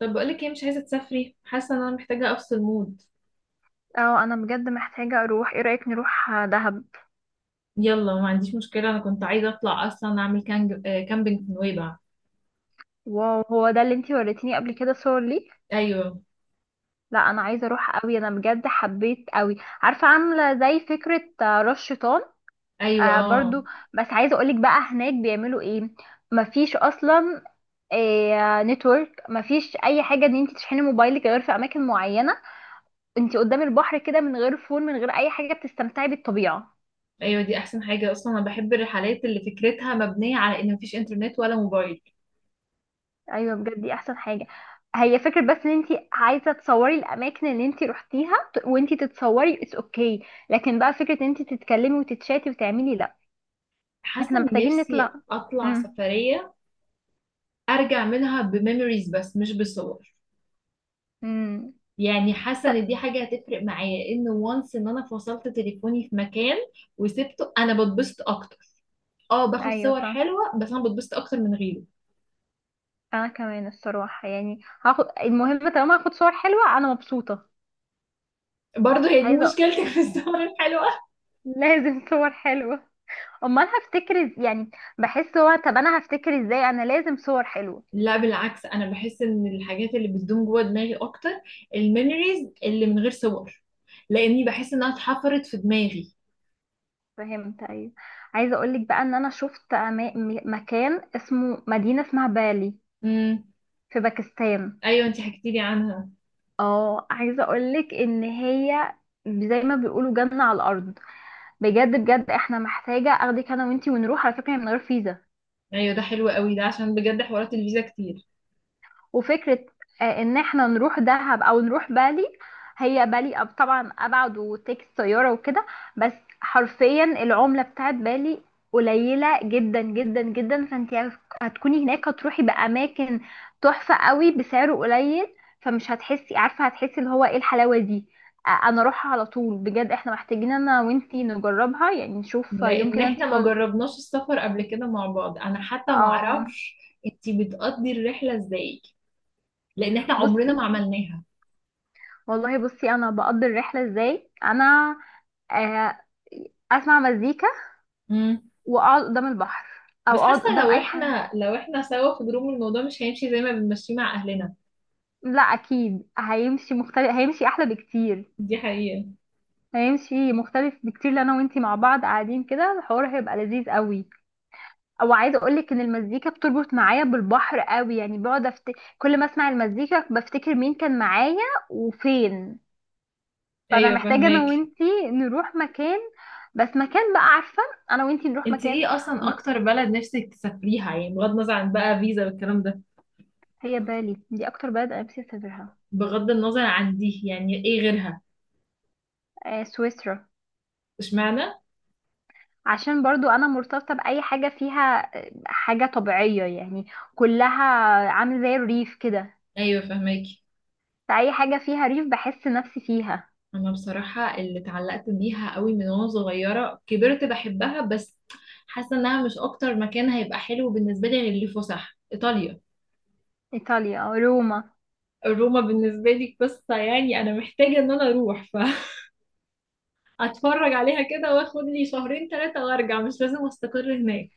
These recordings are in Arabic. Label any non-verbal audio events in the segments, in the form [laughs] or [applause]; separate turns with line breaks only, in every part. طب بقولك ايه؟ مش عايزة تسافري. حاسة ان انا محتاجة افصل مود.
اه، انا بجد محتاجة اروح. ايه رأيك نروح دهب؟
يلا، ما عنديش مشكلة، انا كنت عايزة اطلع اصلا اعمل كانج... آه، كامبينج في نويبع.
واو، هو ده اللي انتي وريتيني قبل كده صور ليه؟
ايوه.
لا، انا عايزة اروح قوي، انا بجد حبيت قوي. عارفة، عاملة زي فكرة راس شيطان.
ايوه،
آه،
اه.
برضو. بس عايزة اقولك بقى، هناك بيعملوا ايه؟ مفيش اصلا. نتورك، مفيش اي حاجة ان انتي تشحني موبايلك غير في اماكن معينة. انتي قدام البحر كده، من غير فون، من غير اي حاجة، بتستمتعي بالطبيعة.
ايوه دي احسن حاجة اصلا، انا بحب الرحلات اللي فكرتها مبنية على ان مفيش انترنت ولا موبايل.
ايوه، بجد دي احسن حاجه. هي فكره، بس ان انت عايزه تصوري الاماكن اللي انت روحتيها وانت تتصوري اتس اوكي. لكن بقى فكره ان انت تتكلمي وتتشاتي وتعملي، لا.
حاسة
احنا
اني
محتاجين
نفسي
نطلع.
اطلع
امم.
سفرية، ارجع منها بميموريز، بس مش بصور.
امم.
يعني حاسة ان دي حاجة هتفرق معايا، ان وانس ان انا فصلت تليفوني في مكان وسبته انا بتبسط اكتر. اه باخد
ايوه.
صور حلوة، بس انا بتبسط اكتر من غيره.
انا كمان الصراحه، يعني هاخد المهم، طالما هاخد صور حلوه انا مبسوطه.
برضه هي دي
عايزه.
مشكلتك في السهرة الحلوة.
لازم صور حلوه. امال هفتكر يعني. بحس هو، طب انا هفتكر ازاي؟ انا لازم صور حلوه.
لا بالعكس، انا بحس ان الحاجات اللي بتدوم جوه دماغي اكتر. الميموريز اللي من غير صور، لاني بحس انها اتحفرت في دماغي.
فهمت، ايوه. عايزه اقولك بقى ان انا شفت مكان، اسمه مدينه اسمها بالي.
امم.
في باكستان.
ايوه انتي حكيتي لي عنها.
اه، عايزه اقولك ان هي، زي ما بيقولوا جنه على الارض. بجد بجد، احنا محتاجه اخدك انا وانتي ونروح. على فكره، هي من غير فيزا.
ايوه ده حلو قوي ده، عشان بجد حوارات الفيزا كتير.
وفكرة، ان احنا نروح دهب او نروح بالي. هي بالي طبعا ابعد، وتيكس طيارة وكده. بس، حرفيا العملة بتاعت بالي قليلة جدا جدا جدا، فانت هتكوني هناك، هتروحي بأماكن تحفة قوي بسعر قليل. فمش هتحسي، عارفة، هتحسي اللي هو، ايه الحلاوة دي. انا اروحها على طول، بجد احنا محتاجين انا وانتي نجربها، يعني نشوف يوم
لان
كده انتي
احنا ما
فاضية.
جربناش السفر قبل كده مع بعض، انا حتى ما
اه.
اعرفش انتي بتقضي الرحلة ازاي، لان احنا عمرنا
بصي.
ما عملناها.
والله، بصي انا بقضي الرحله ازاي، انا آه، اسمع مزيكا.
امم.
واقعد قدام البحر. او
بس حاسة
اقعد قدام
لو
اي حاجه.
احنا سوا في جروب، الموضوع مش هيمشي زي ما بنمشيه مع اهلنا.
لا، اكيد هيمشي مختلف، هيمشي احلى بكتير.
دي حقيقة.
هيمشي مختلف بكتير، لو انا وانتي مع بعض قاعدين كده الحوار هيبقى لذيذ قوي. او عايزه اقولك ان المزيكا بتربط معايا بالبحر قوي، يعني بقعد كل ما اسمع المزيكا بفتكر مين كان معايا، وفين. فانا
ايوه
محتاجه
فهماك.
انا وانتي نروح مكان. بس مكان بقى، عارفه. انا وانتي نروح
انت
مكان.
ايه اصلا اكتر بلد نفسك تسافريها؟ يعني بغض النظر عن بقى فيزا والكلام ده.
هي بالي دي اكتر بلد انا نفسي اسافرها.
بغض النظر عن دي، يعني ايه غيرها؟
سويسرا.
اشمعنى؟
عشان برضو انا مرتبطة باي حاجة فيها حاجة طبيعية، يعني. كلها. عامل زي الريف كده.
ايوه فهماك.
فاي حاجة فيها ريف بحس نفسي فيها.
انا بصراحة اللي اتعلقت بيها قوي من وانا صغيرة، كبرت بحبها، بس حاسة انها مش اكتر مكان هيبقى حلو بالنسبة لي غير اللي فسح، ايطاليا.
ايطاليا، روما.
روما بالنسبة لي قصة، يعني انا محتاجة ان انا اروح فاتفرج [laughs] عليها كده، واخد لي شهرين ثلاثة وارجع، مش لازم استقر هناك.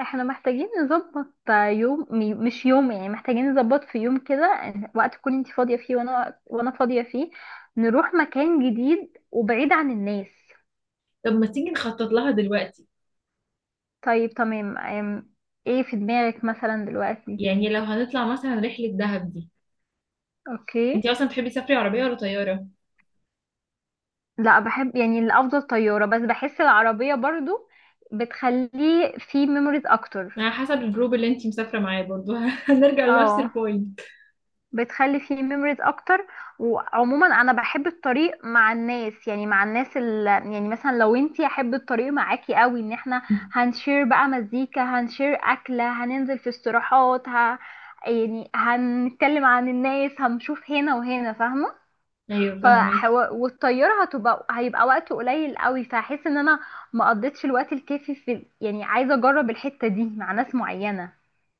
احنا محتاجين نظبط يوم مش يوم، يعني محتاجين نظبط في يوم كده، وقت تكون انت فاضية فيه وانا فاضية فيه. نروح مكان جديد وبعيد عن الناس.
طب ما تيجي نخطط لها دلوقتي.
طيب، تمام. ايه في دماغك مثلا دلوقتي؟
يعني لو هنطلع مثلا رحلة دهب دي، انتي
اوكي.
اصلا تحبي تسافري عربية ولا طيارة؟
لا، بحب، يعني الافضل طياره، بس بحس العربيه برضو بتخليه فيه ميموريز اكتر.
على حسب الجروب اللي انتي مسافرة معاه برضو [laughs] هنرجع لنفس
اه،
البوينت.
بتخلي فيه ميموريز اكتر. وعموما انا بحب الطريق مع الناس، يعني مع الناس يعني مثلا لو انتي، احب الطريق معاكي قوي ان احنا هنشير بقى مزيكا، هنشير اكله، هننزل في استراحات يعني هنتكلم عن الناس، هنشوف هنا وهنا، فاهمه.
ايوه فاهمك.
فحو... والطياره هيبقى وقت قليل قوي، فهحس ان انا ما قضيتش الوقت الكافي في، يعني عايزه اجرب الحته دي مع ناس معينه.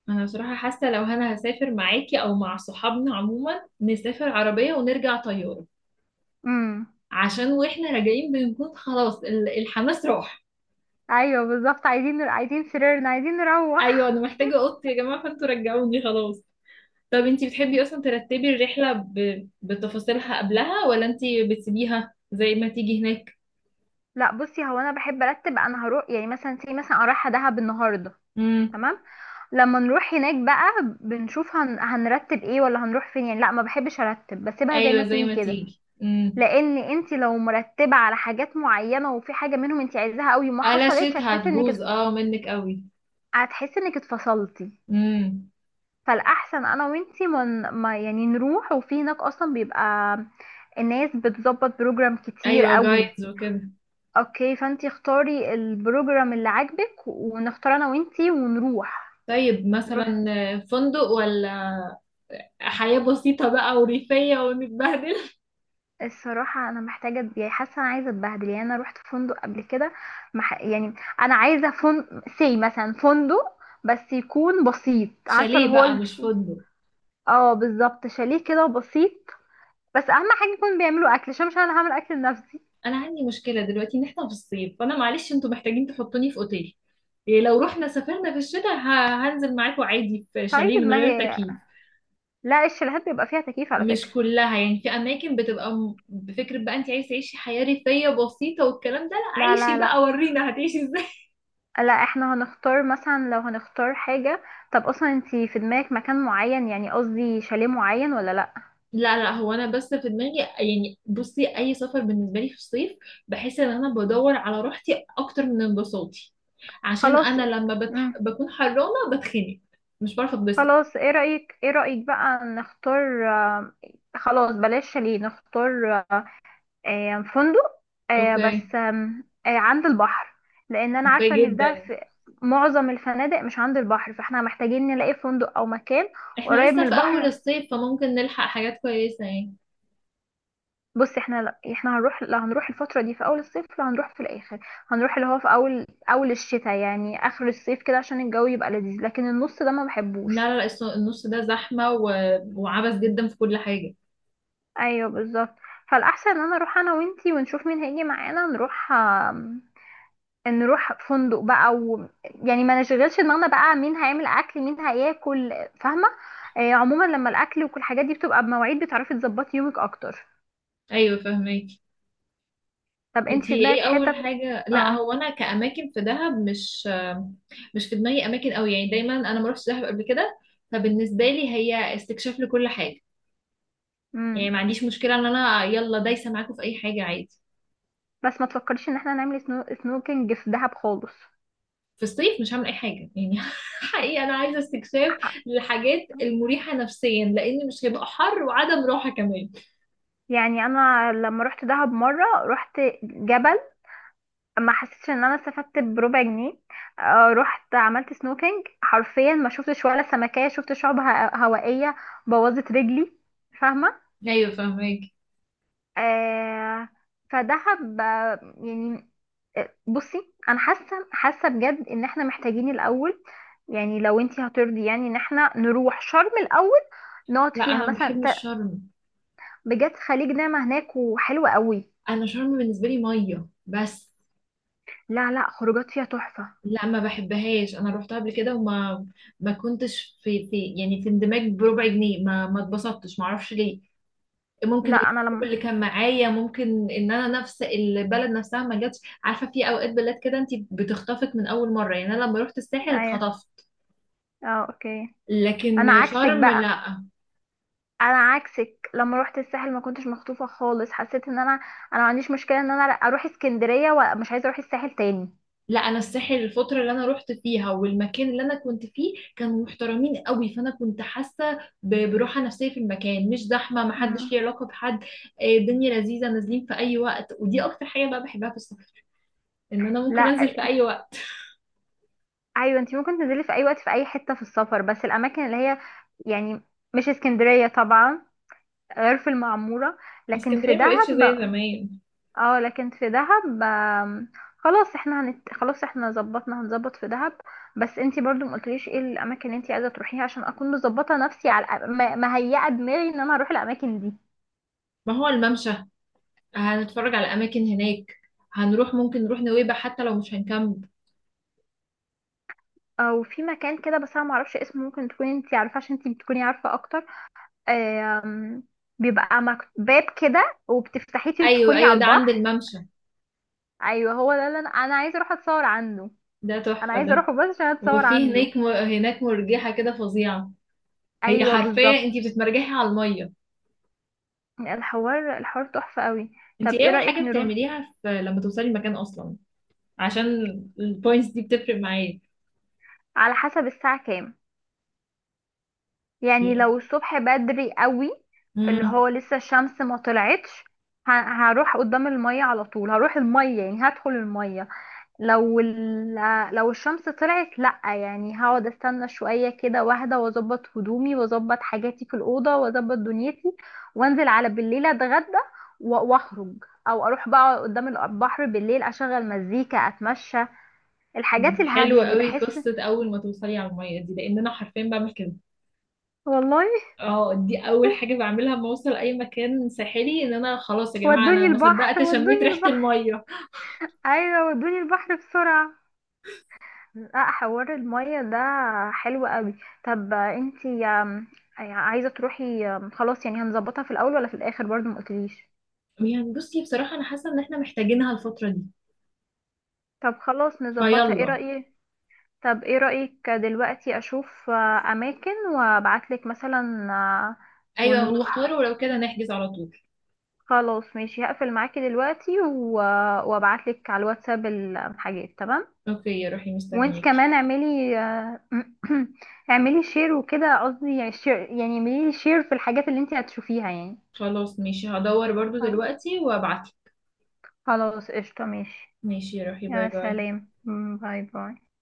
انا بصراحة حاسة لو انا هسافر معاكي او مع صحابنا عموما، نسافر عربية ونرجع طيارة.
امم.
عشان واحنا راجعين بنكون خلاص الحماس راح.
ايوه بالظبط، عايزين عايزين سريرنا، عايزين
ايوه
نروح.
انا محتاجة اوضتي يا جماعة، فانتوا رجعوني خلاص. طب انتي بتحبي اصلا ترتبي الرحلة بتفاصيلها قبلها، ولا انتي بتسيبيها زي ما تيجي هناك؟
لا، بصي، هو انا بحب ارتب، انا هروح يعني مثلا زي مثلا انا رايحه دهب النهارده.
امم.
تمام. لما نروح هناك بقى بنشوف هنرتب ايه، ولا هنروح فين. يعني لا، ما بحبش ارتب، بسيبها زي ما
ايوه زي
تيجي
ما
كده.
تيجي، امم.
لان انت لو مرتبه على حاجات معينه، وفي حاجه منهم انت عايزاها قوي ما
قلشت،
حصلتش، هتحسي انك
هتبوظ اه منك قوي.
هتحسي انك اتفصلتي.
امم.
فالاحسن انا وانتي من ما يعني نروح، وفي هناك اصلا بيبقى الناس بتظبط بروجرام كتير
ايوه
قوي.
جايدز وكده.
اوكي، فانتي اختاري البروجرام اللي عاجبك، ونختار انا وانتي ونروح.
طيب مثلا
نروح.
فندق، ولا حياة بسيطة بقى وريفية ونتبهدل؟
الصراحة، أنا محتاجة أتبيع، حاسة أنا عايزة أتبهدل، يعني أنا روحت فندق قبل كده. يعني، أنا عايزة فندق، سي مثلا فندق، بس يكون بسيط،
[laughs]
عارفة اللي
شاليه
هو
بقى مش فندق.
اه بالظبط، شاليه كده بسيط. بس اهم حاجه يكون بيعملوا اكل، عشان مش انا هعمل اكل لنفسي.
انا عندي مشكله دلوقتي ان احنا في الصيف، فانا معلش انتوا محتاجين تحطوني في اوتيل. إيه لو رحنا سافرنا في الشتاء، هنزل معاكم عادي في شاليه
طيب،
من
ما
غير
هي،
تكييف.
لا الشاليهات بيبقى فيها تكييف، على
مش
فكره.
كلها، يعني في اماكن بتبقى بفكره بقى انت عايز تعيشي حياه ريفيه بسيطه والكلام ده، لا
لا، لا،
عيشي
لا.
بقى ورينا هتعيشي ازاي.
لا، احنا هنختار مثلا، لو هنختار حاجه. طب اصلا، انتي في دماغك مكان معين؟ يعني قصدي شاليه معين ولا لا؟
[laughs] لا لا، هو انا بس في دماغي، يعني بصي اي سفر بالنسبه لي في الصيف بحس ان انا بدور على راحتي اكتر من انبساطي، عشان
خلاص.
انا لما
امم.
بكون حرانه بتخنق، مش بعرف اتبسط.
خلاص، ايه رايك بقى نختار خلاص بلاش شاليه، نختار فندق.
اوكي.
بس آم، آه، عند البحر. لان انا
اوكي
عارفه ان في ده
جدا.
في معظم الفنادق مش عند البحر، فاحنا محتاجين نلاقي فندق او مكان
احنا
قريب
لسه
من
في اول
البحر.
الصيف فممكن نلحق حاجات كويسة يعني.
بص، احنا لا احنا هنروح، لا هنروح الفتره دي في اول الصيف، لا هنروح في الاخر. هنروح اللي هو في اول اول الشتاء، يعني اخر الصيف كده عشان الجو يبقى لذيذ، لكن النص ده ما
لا
بحبوش.
لا، النص ده زحمة وعبث جدا في كل حاجة.
ايوه بالظبط. فالاحسن ان انا اروح انا وانتي ونشوف مين هيجي معانا، نروح نروح فندق بقى و... يعني ما نشغلش دماغنا بقى مين هيعمل اكل مين هياكل. فاهمه. عموما، لما الاكل وكل الحاجات دي بتبقى بمواعيد، بتعرفي تظبطي يومك اكتر.
ايوه فهماكي.
طب انت في
انتي ايه
دماغك
اول
حتت؟
حاجة؟ لا
اه.
هو انا كأماكن في دهب، مش في دماغي اماكن قوي يعني، دايما انا ما رحتش دهب قبل كده، فبالنسبة لي هي استكشاف لكل حاجة. يعني
امم.
ما عنديش مشكلة ان انا يلا دايسة معاكم في اي حاجة عادي.
بس ما تفكريش ان احنا نعمل سنوكينج في دهب خالص.
في الصيف مش هعمل اي حاجه يعني [laughs] حقيقي انا عايزه استكشاف للحاجات المريحه نفسيا، لان مش هيبقى حر وعدم راحه كمان.
يعني انا لما رحت دهب مره رحت جبل، ما حسيتش ان انا استفدت بربع جنيه. رحت عملت سنوكينج، حرفيا ما شفتش ولا سمكيه، شفت شعب هوائيه. بوظت رجلي. فاهمه.
ايوه فهمك.
آه فدهب، يعني، بصي انا حاسه بجد ان احنا محتاجين الاول، يعني لو انتي هترضي، يعني ان احنا نروح شرم الاول، نقعد
لا
فيها
انا ما
مثلا
بحبش شرم.
بجد، خليج نعمة هناك وحلوة قوي.
انا شرم بالنسبه لي ميه بس.
لا لا، خروجات فيها تحفه.
لا ما بحبهاش، انا روحتها قبل كده وما، ما كنتش في يعني في اندماج بربع جنيه، ما اتبسطتش، ما اعرفش ليه. ممكن
لا، انا
الجروب
لما،
اللي كان معايا، ممكن ان انا نفس البلد نفسها ما جاتش. عارفه في اوقات بلاد كده انت بتخطفك من اول مره، يعني انا لما رحت الساحل
ايوه،
اتخطفت.
اه، اوكي. انا
لكن
عكسك
شرم
بقى.
لا.
انا عكسك، لما روحت الساحل ما كنتش مخطوفه خالص، حسيت ان انا، انا ما عنديش مشكله ان انا اروح اسكندريه، ومش عايزه اروح الساحل تاني.
لا انا الساحل، الفتره اللي انا رحت فيها والمكان اللي انا كنت فيه كانوا محترمين قوي، فانا كنت حاسه براحه نفسيه في المكان، مش زحمه،
مم.
محدش ليه علاقه بحد. الدنيا لذيذه، نازلين في اي وقت، ودي اكتر حاجه بقى بحبها في السفر، ان انا ممكن
لا،
انزل في اي وقت.
ايوه انت ممكن تنزلي في اي وقت في اي حته في السفر، بس الاماكن اللي هي، يعني، مش اسكندريه طبعا، غير في المعموره. لكن في
اسكندريه ما بقتش
دهب،
زي زمان.
اه لكن في دهب. خلاص احنا ظبطنا، هنظبط في دهب. بس انت برضو ما قلتليش ايه الاماكن اللي انت عايزه تروحيها، عشان اكون مظبطه نفسي على مهيئه دماغي ان انا هروح الاماكن دي.
ما هو الممشى، هنتفرج على اماكن هناك، هنروح ممكن نروح نويبع حتى لو مش هنكمل.
او في مكان كده، بس انا ما اعرفش اسمه، ممكن تكوني انت عارفه عشان انت بتكوني عارفه اكتر. آم، بيبقى باب كده، وبتفتحيه
ايوه
تدخلي
ايوه،
على
ده عند
البحر.
الممشى.
ايوه، هو ده اللي انا عايزه اروح اتصور عنده.
ده
انا
تحفه
عايزه
ده.
اروحه بس عشان اتصور
وفي
عنده.
هناك، هناك مرجحه كده فظيعه، هي
ايوه
حرفيا
بالظبط.
انتي بتتمرجحي على الميه.
الحوار الحوار تحفه قوي.
انتي
طب
ايه
ايه
اول
رايك
حاجه
نروح؟
بتعمليها في لما توصلي المكان اصلا؟ عشان البوينتس دي بتفرق معايا.
على حسب الساعه كام. يعني لو الصبح بدري قوي، اللي
امم.
هو لسه الشمس ما طلعتش، ه- هروح قدام الميه على طول، هروح الميه، يعني هدخل الميه. لو ال... لو الشمس طلعت لأ، يعني هقعد استنى شوية كده واحدة، واظبط هدومي واظبط حاجاتي في الأوضة واظبط دنيتي، وانزل على بالليل اتغدى واخرج. او اروح بقى قدام البحر بالليل، اشغل مزيكا، اتمشى، الحاجات الهادية.
حلو
يعني
قوي
بحس.
قصه اول ما توصلي على الميه دي، لان انا حرفيا بعمل كده.
والله.
اه دي اول حاجه
[laughs]
بعملها لما اوصل اي مكان ساحلي، ان انا خلاص يا جماعه انا
ودوني
ما
البحر،
صدقت شميت
ودوني
ريحه
البحر.
الميه.
ايوه، ودوني البحر بسرعة. لا، حوار المية ده حلو قوي. طب انتي يعني عايزة تروحي، خلاص، يعني هنظبطها في الأول ولا في الآخر؟ برضو ما قلتليش.
يعني بصي بصراحه، انا حاسه ان احنا محتاجينها الفتره دي.
طب خلاص نظبطها، ايه
فيلا.
رأيك؟ طب ايه رأيك دلوقتي أشوف أماكن، وأبعتلك مثلا
ايوه ونختار،
ونروح.
ولو كده نحجز على طول.
خلاص ماشي، هقفل معاكي دلوقتي وأبعتلك على الواتساب الحاجات، تمام.
اوكي روحي
وانت
مستنياكي.
كمان اعملي [clears throat] اعملي شير وكده، قصدي يعني شير، يعني اعملي شير في الحاجات اللي انت هتشوفيها، يعني
خلاص ماشي هدور برضو
آه،
دلوقتي وابعت.
خلاص قشطة ماشي.
ماشي روحي، باي
يا
باي.
سلام، باي باي.